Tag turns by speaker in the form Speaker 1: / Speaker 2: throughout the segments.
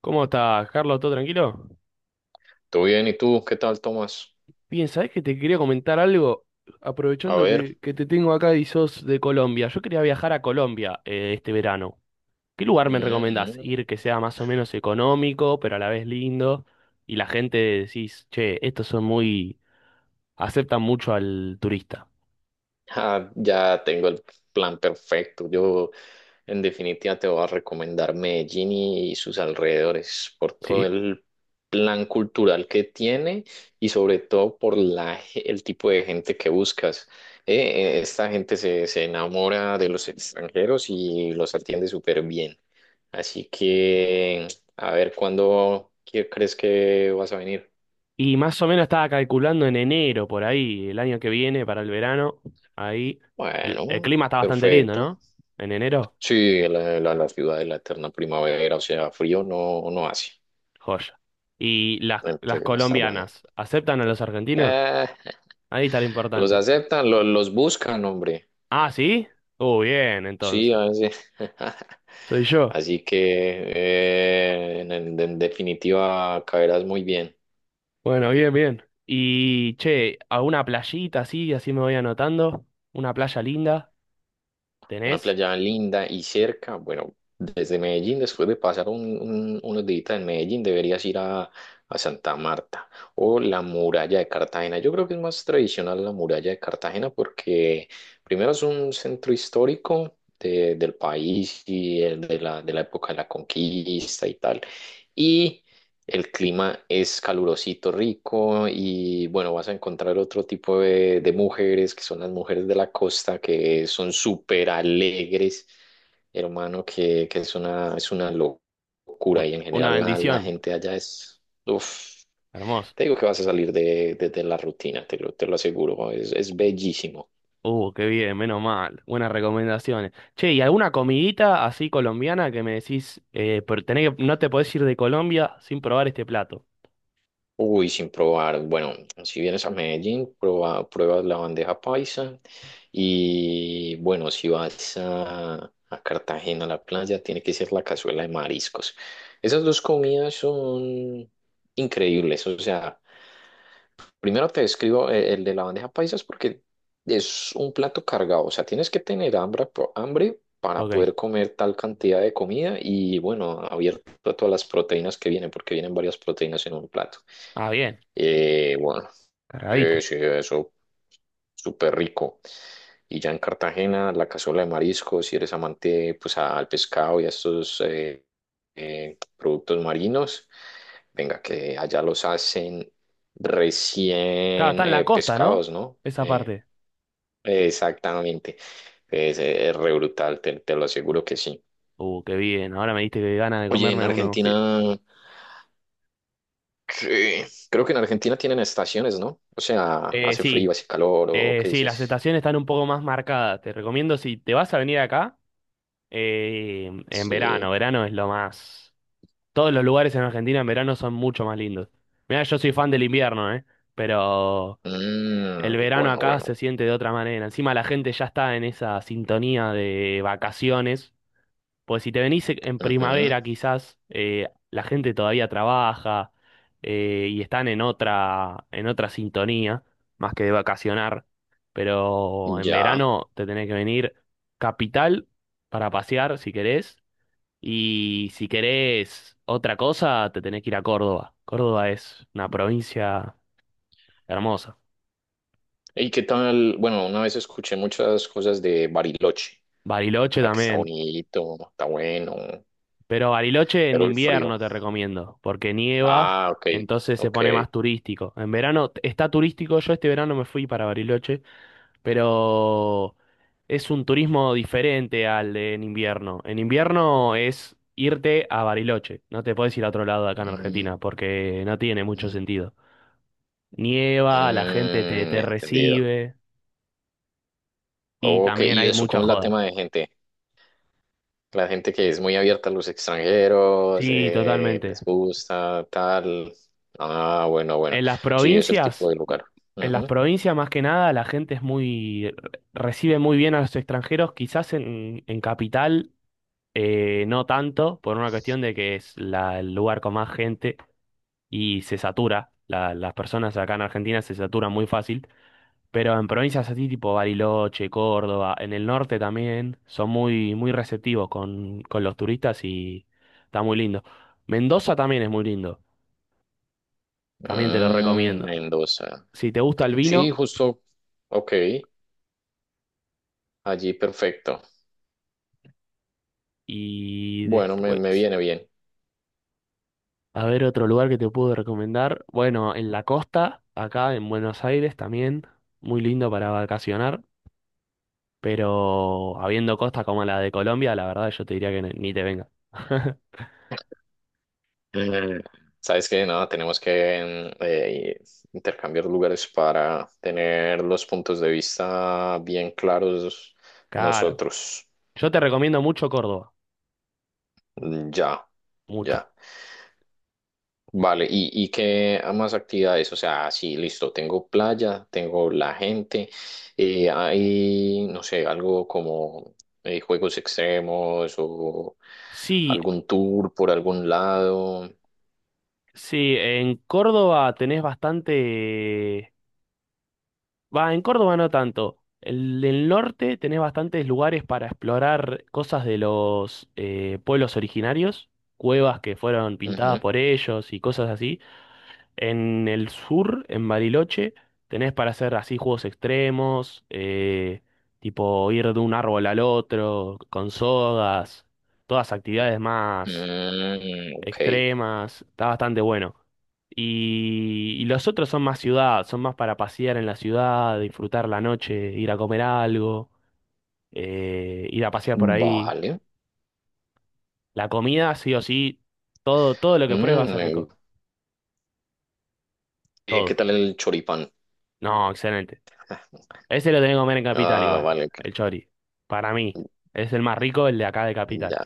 Speaker 1: ¿Cómo estás, Carlos? ¿Todo tranquilo?
Speaker 2: ¿Todo bien? ¿Y tú? ¿Qué tal, Tomás?
Speaker 1: Bien, ¿sabés que te quería comentar algo?
Speaker 2: A
Speaker 1: Aprovechando
Speaker 2: ver.
Speaker 1: que te tengo acá y sos de Colombia. Yo quería viajar a Colombia este verano. ¿Qué lugar me
Speaker 2: Mm,
Speaker 1: recomendás?
Speaker 2: mm.
Speaker 1: Ir que sea más o menos económico, pero a la vez lindo. Y la gente decís, che, estos son muy... aceptan mucho al turista,
Speaker 2: Ya tengo el plan perfecto. Yo, en definitiva, te voy a recomendar Medellín y sus alrededores por todo
Speaker 1: ¿sí?
Speaker 2: el plan cultural que tiene y sobre todo por el tipo de gente que buscas. Esta gente se enamora de los extranjeros y los atiende súper bien. Así que, a ver, ¿crees que vas a venir?
Speaker 1: Y más o menos estaba calculando en enero, por ahí, el año que viene, para el verano. Ahí, el
Speaker 2: Bueno,
Speaker 1: clima está bastante lindo,
Speaker 2: perfecto.
Speaker 1: ¿no? En enero.
Speaker 2: Sí, la ciudad de la eterna primavera, o sea, frío no hace.
Speaker 1: Joya. ¿Y las
Speaker 2: Entonces va a estar bueno.
Speaker 1: colombianas aceptan a los argentinos?
Speaker 2: Eh,
Speaker 1: Ahí está lo
Speaker 2: los
Speaker 1: importante.
Speaker 2: aceptan, los buscan, hombre.
Speaker 1: Ah, ¿sí? Oh, bien,
Speaker 2: Sí, a
Speaker 1: entonces.
Speaker 2: veces.
Speaker 1: Soy yo.
Speaker 2: Así que en definitiva caerás muy bien.
Speaker 1: Bueno, bien, bien. Y, che, ¿alguna playita así? Así me voy anotando. ¿Una playa linda?
Speaker 2: Una
Speaker 1: ¿Tenés?
Speaker 2: playa linda y cerca. Bueno, desde Medellín, después de pasar unos días en Medellín, deberías ir a Santa Marta o la muralla de Cartagena. Yo creo que es más tradicional la muralla de Cartagena porque primero es un centro histórico del país y el de de la época de la conquista y tal. Y el clima es calurosito, rico y bueno, vas a encontrar otro tipo de mujeres que son las mujeres de la costa que son súper alegres, hermano, que es es una locura
Speaker 1: Un-
Speaker 2: y en
Speaker 1: una
Speaker 2: general la
Speaker 1: bendición.
Speaker 2: gente allá es, uf,
Speaker 1: Hermoso.
Speaker 2: te digo que vas a salir de la rutina, te lo aseguro, es bellísimo.
Speaker 1: Qué bien, menos mal. Buenas recomendaciones. Che, ¿y alguna comidita así colombiana que me decís, pero no te podés ir de Colombia sin probar este plato?
Speaker 2: Uy, sin probar. Bueno, si vienes a Medellín, pruebas la bandeja paisa. Y bueno, si vas a Cartagena, a la playa, tiene que ser la cazuela de mariscos. Esas dos comidas son increíbles. O sea, primero te describo de la bandeja paisa es porque es un plato cargado. O sea, tienes que tener hambre, hambre para
Speaker 1: Ok.
Speaker 2: poder comer tal cantidad de comida y bueno, abierto a todas las proteínas que vienen, porque vienen varias proteínas en un plato.
Speaker 1: Ah, bien.
Speaker 2: Eh, bueno, sí,
Speaker 1: Cargadito.
Speaker 2: sí, eso, súper rico. Y ya en Cartagena, la cazuela de mariscos, si eres amante pues al pescado y a estos productos marinos, venga, que allá los hacen
Speaker 1: Claro, está
Speaker 2: recién
Speaker 1: en la costa, ¿no?
Speaker 2: pescados, ¿no?
Speaker 1: Esa parte.
Speaker 2: Exactamente. Es re brutal, te lo aseguro que sí.
Speaker 1: Qué bien. ¿No? Ahora me diste que ganas de
Speaker 2: Oye, en
Speaker 1: comerme uno.
Speaker 2: Argentina, ¿qué? Creo que en Argentina tienen estaciones, ¿no? O sea, hace
Speaker 1: Sí,
Speaker 2: frío, hace calor, ¿o qué
Speaker 1: sí, las
Speaker 2: dices?
Speaker 1: estaciones están un poco más marcadas. Te recomiendo si te vas a venir acá en verano.
Speaker 2: Sí.
Speaker 1: Verano es lo más. Todos los lugares en Argentina en verano son mucho más lindos. Mira, yo soy fan del invierno, ¿eh? Pero el
Speaker 2: Mm,
Speaker 1: verano
Speaker 2: bueno,
Speaker 1: acá se
Speaker 2: bueno.
Speaker 1: siente de otra manera. Encima la gente ya está en esa sintonía de vacaciones. Pues si te venís en
Speaker 2: Ujú,
Speaker 1: primavera, quizás la gente todavía trabaja y están en otra sintonía, más que de vacacionar. Pero en
Speaker 2: ya.
Speaker 1: verano te tenés que venir capital para pasear si querés. Y si querés otra cosa, te tenés que ir a Córdoba. Córdoba es una provincia hermosa.
Speaker 2: ¿Y qué tal? Bueno, una vez escuché muchas cosas de Bariloche.
Speaker 1: Bariloche
Speaker 2: Ah, que está
Speaker 1: también.
Speaker 2: bonito, está bueno,
Speaker 1: Pero Bariloche en
Speaker 2: pero el frío.
Speaker 1: invierno te recomiendo, porque nieva,
Speaker 2: Ah, ok,
Speaker 1: entonces se
Speaker 2: ok.
Speaker 1: pone más turístico. En verano está turístico, yo este verano me fui para Bariloche, pero es un turismo diferente al de en invierno. En invierno es irte a Bariloche, no te puedes ir a otro lado de acá en
Speaker 2: Mm,
Speaker 1: Argentina, porque no tiene mucho
Speaker 2: mm,
Speaker 1: sentido. Nieva, la gente te
Speaker 2: entendido.
Speaker 1: recibe y
Speaker 2: Ok,
Speaker 1: también
Speaker 2: ¿y
Speaker 1: hay
Speaker 2: eso
Speaker 1: mucha
Speaker 2: cómo es la
Speaker 1: joda.
Speaker 2: tema de gente? La gente que es muy abierta a los extranjeros,
Speaker 1: Sí, totalmente.
Speaker 2: les gusta, tal. Ah, bueno, bueno.
Speaker 1: En las
Speaker 2: Sí, es el tipo
Speaker 1: provincias,
Speaker 2: de lugar.
Speaker 1: en las provincias, más que nada, la gente recibe muy bien a los extranjeros, quizás en, capital, no tanto, por una cuestión de que es el lugar con más gente y se satura, las personas acá en Argentina se saturan muy fácil, pero en provincias así tipo Bariloche, Córdoba, en el norte también, son muy, muy receptivos con los turistas y está muy lindo. Mendoza también es muy lindo, también te lo
Speaker 2: Mm,
Speaker 1: recomiendo.
Speaker 2: Mendoza.
Speaker 1: Si te gusta el
Speaker 2: Sí,
Speaker 1: vino...
Speaker 2: justo. Ok, allí perfecto.
Speaker 1: Y
Speaker 2: Bueno, me
Speaker 1: después,
Speaker 2: viene bien.
Speaker 1: a ver otro lugar que te puedo recomendar. Bueno, en la costa, acá en Buenos Aires también, muy lindo para vacacionar, pero habiendo costa como la de Colombia, la verdad yo te diría que ni te venga.
Speaker 2: Eh, sabes que nada, tenemos que intercambiar lugares para tener los puntos de vista bien claros
Speaker 1: Claro.
Speaker 2: nosotros.
Speaker 1: Yo te recomiendo mucho Córdoba,
Speaker 2: Mm, ya,
Speaker 1: mucho.
Speaker 2: ya. Vale, ¿y, qué más actividades? O sea, sí, listo, tengo playa, tengo la gente, hay, no sé, algo como juegos extremos o
Speaker 1: Sí,
Speaker 2: algún tour por algún lado.
Speaker 1: sí, en Córdoba tenés bastante. Va, en Córdoba no tanto. El del norte tenés bastantes lugares para explorar cosas de los pueblos originarios, cuevas que fueron pintadas
Speaker 2: Ujú.
Speaker 1: por ellos y cosas así. En el sur, en Bariloche, tenés para hacer así juegos extremos, tipo ir de un árbol al otro, con sogas, todas actividades más
Speaker 2: Mm, ok,
Speaker 1: extremas, está bastante bueno. Y los otros son más ciudad, son más para pasear en la ciudad, disfrutar la noche, ir a comer algo, ir a pasear por ahí.
Speaker 2: vale.
Speaker 1: La comida, sí o sí, todo lo que pruebes va a
Speaker 2: Mm,
Speaker 1: ser rico.
Speaker 2: ¿qué
Speaker 1: Todo.
Speaker 2: tal el choripán?
Speaker 1: No, excelente. Ese lo tenés que comer en Capital
Speaker 2: Ah,
Speaker 1: igual,
Speaker 2: vale, ok,
Speaker 1: el chori. Para mí, es el más rico, el de acá de Capital.
Speaker 2: ya,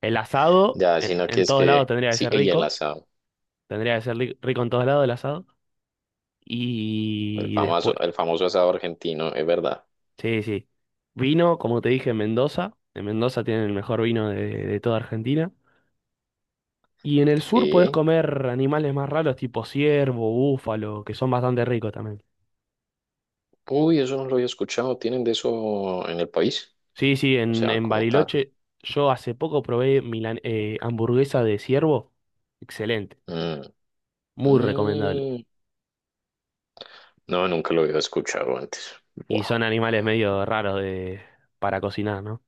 Speaker 1: El asado,
Speaker 2: ya,
Speaker 1: en,
Speaker 2: sino que
Speaker 1: en
Speaker 2: es
Speaker 1: todos
Speaker 2: que,
Speaker 1: lados tendría que
Speaker 2: sí,
Speaker 1: ser
Speaker 2: y el
Speaker 1: rico.
Speaker 2: asado,
Speaker 1: Tendría que ser rico en todos lados el asado. Y después.
Speaker 2: el famoso asado argentino, es verdad.
Speaker 1: Sí, sí. Vino, como te dije, en Mendoza. En Mendoza tienen el mejor vino de, toda Argentina. Y en el sur podés
Speaker 2: Sí.
Speaker 1: comer animales más raros, tipo ciervo, búfalo, que son bastante ricos también.
Speaker 2: Uy, eso no lo había escuchado. ¿Tienen de eso en el país?
Speaker 1: Sí, sí,
Speaker 2: O
Speaker 1: en,
Speaker 2: sea,
Speaker 1: en
Speaker 2: como tal.
Speaker 1: Bariloche yo hace poco probé hamburguesa de ciervo. Excelente,
Speaker 2: Mm,
Speaker 1: muy recomendable.
Speaker 2: mm, no, nunca lo había escuchado antes.
Speaker 1: Y
Speaker 2: Buah.
Speaker 1: son animales medio raros para cocinar, ¿no?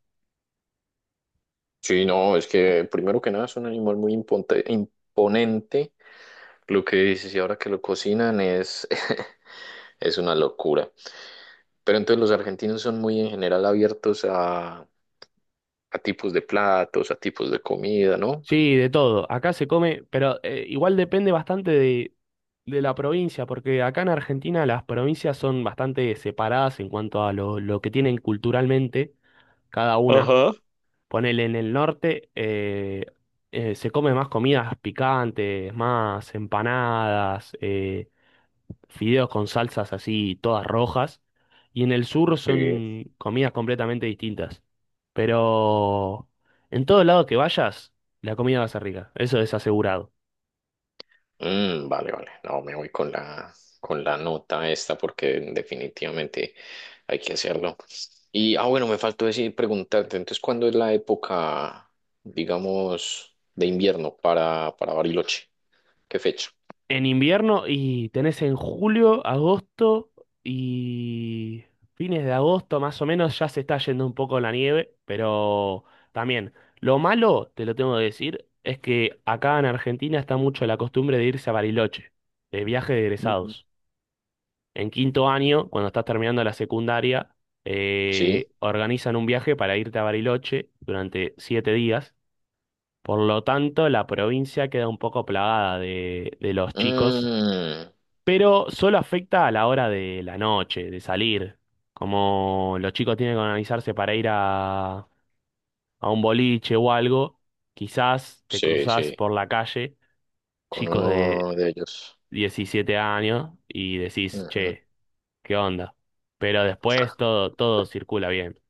Speaker 2: Sí, no, es que primero que nada es un animal muy imponente. Lo que dices, y ahora que lo cocinan es, es una locura. Pero entonces los argentinos son muy en general abiertos a tipos de platos, a tipos de comida, ¿no?
Speaker 1: Sí, de todo. Acá se come, pero igual depende bastante de la provincia, porque acá en Argentina las provincias son bastante separadas en cuanto a lo que tienen culturalmente cada una.
Speaker 2: Ajá.
Speaker 1: Ponele en el norte, se come más comidas picantes, más empanadas, fideos con salsas así todas rojas, y en el sur
Speaker 2: Sí.
Speaker 1: son comidas completamente distintas. Pero en todo lado que vayas, la comida va a ser rica, eso es asegurado.
Speaker 2: Mm, vale, vale. No, me voy con con la nota esta porque definitivamente hay que hacerlo. Y, ah, bueno, me faltó decir, preguntarte, entonces, ¿cuándo es la época, digamos, de invierno para Bariloche? ¿Qué fecha?
Speaker 1: En invierno y tenés en julio, agosto y fines de agosto más o menos ya se está yendo un poco la nieve, pero también lo malo, te lo tengo que decir, es que acá en Argentina está mucho la costumbre de irse a Bariloche, de viaje de
Speaker 2: Ujú.
Speaker 1: egresados. En quinto año, cuando estás terminando la secundaria,
Speaker 2: ¿Sí?
Speaker 1: organizan un viaje para irte a Bariloche durante 7 días. Por lo tanto, la provincia queda un poco plagada de, los chicos,
Speaker 2: Mm,
Speaker 1: pero solo afecta a la hora de la noche, de salir. Como los chicos tienen que organizarse para ir a un boliche o algo, quizás te
Speaker 2: sí,
Speaker 1: cruzás
Speaker 2: sí,
Speaker 1: por la calle,
Speaker 2: con
Speaker 1: chicos de
Speaker 2: uno de ellos.
Speaker 1: 17 años, y decís, che. ¿Qué onda? Pero después todo circula bien.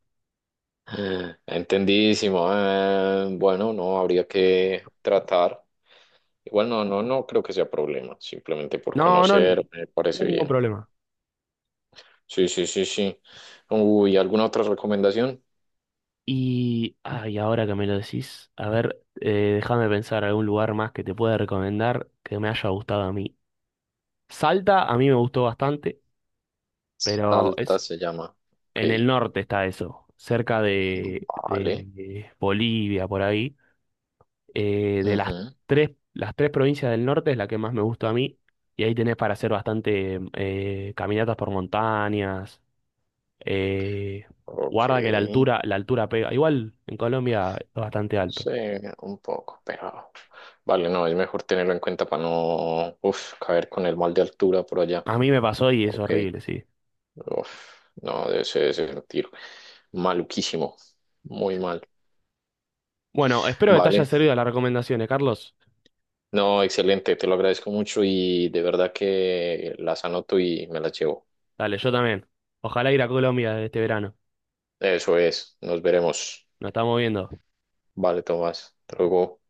Speaker 2: Entendidísimo. Bueno, no habría que tratar. Igual no creo que sea problema. Simplemente por
Speaker 1: No, no, n-
Speaker 2: conocer, me
Speaker 1: no
Speaker 2: parece
Speaker 1: hay ningún
Speaker 2: bien.
Speaker 1: problema.
Speaker 2: Sí, sí, sí, sí. Uy, ¿alguna otra recomendación?
Speaker 1: Y, ay, ahora que me lo decís, a ver, déjame pensar algún lugar más que te pueda recomendar que me haya gustado a mí. Salta a mí me gustó bastante, pero
Speaker 2: Salta
Speaker 1: es
Speaker 2: se llama. Ok.
Speaker 1: en el norte está eso, cerca de, de-
Speaker 2: Vale.
Speaker 1: de Bolivia, por ahí. De las
Speaker 2: Ujú.
Speaker 1: tres, las tres provincias del norte es la que más me gustó a mí. Y ahí tenés para hacer bastante caminatas por montañas. Eh,
Speaker 2: Ok.
Speaker 1: Guarda que la altura, pega. Igual en Colombia es bastante alto.
Speaker 2: Sí, un poco, pero vale, no, es mejor tenerlo en cuenta para no, uf, caer con el mal de altura por allá.
Speaker 1: A mí me pasó y es
Speaker 2: Ok.
Speaker 1: horrible, sí.
Speaker 2: Uf, no, debe ser un tiro, maluquísimo, muy
Speaker 1: Sí.
Speaker 2: mal.
Speaker 1: Bueno, espero que te haya
Speaker 2: Vale,
Speaker 1: servido las recomendaciones, Carlos.
Speaker 2: no, excelente, te lo agradezco mucho y de verdad que las anoto y me las llevo.
Speaker 1: Dale, yo también. Ojalá ir a Colombia este verano.
Speaker 2: Eso es, nos veremos.
Speaker 1: Nos estamos viendo.
Speaker 2: Vale, Tomás, hasta luego.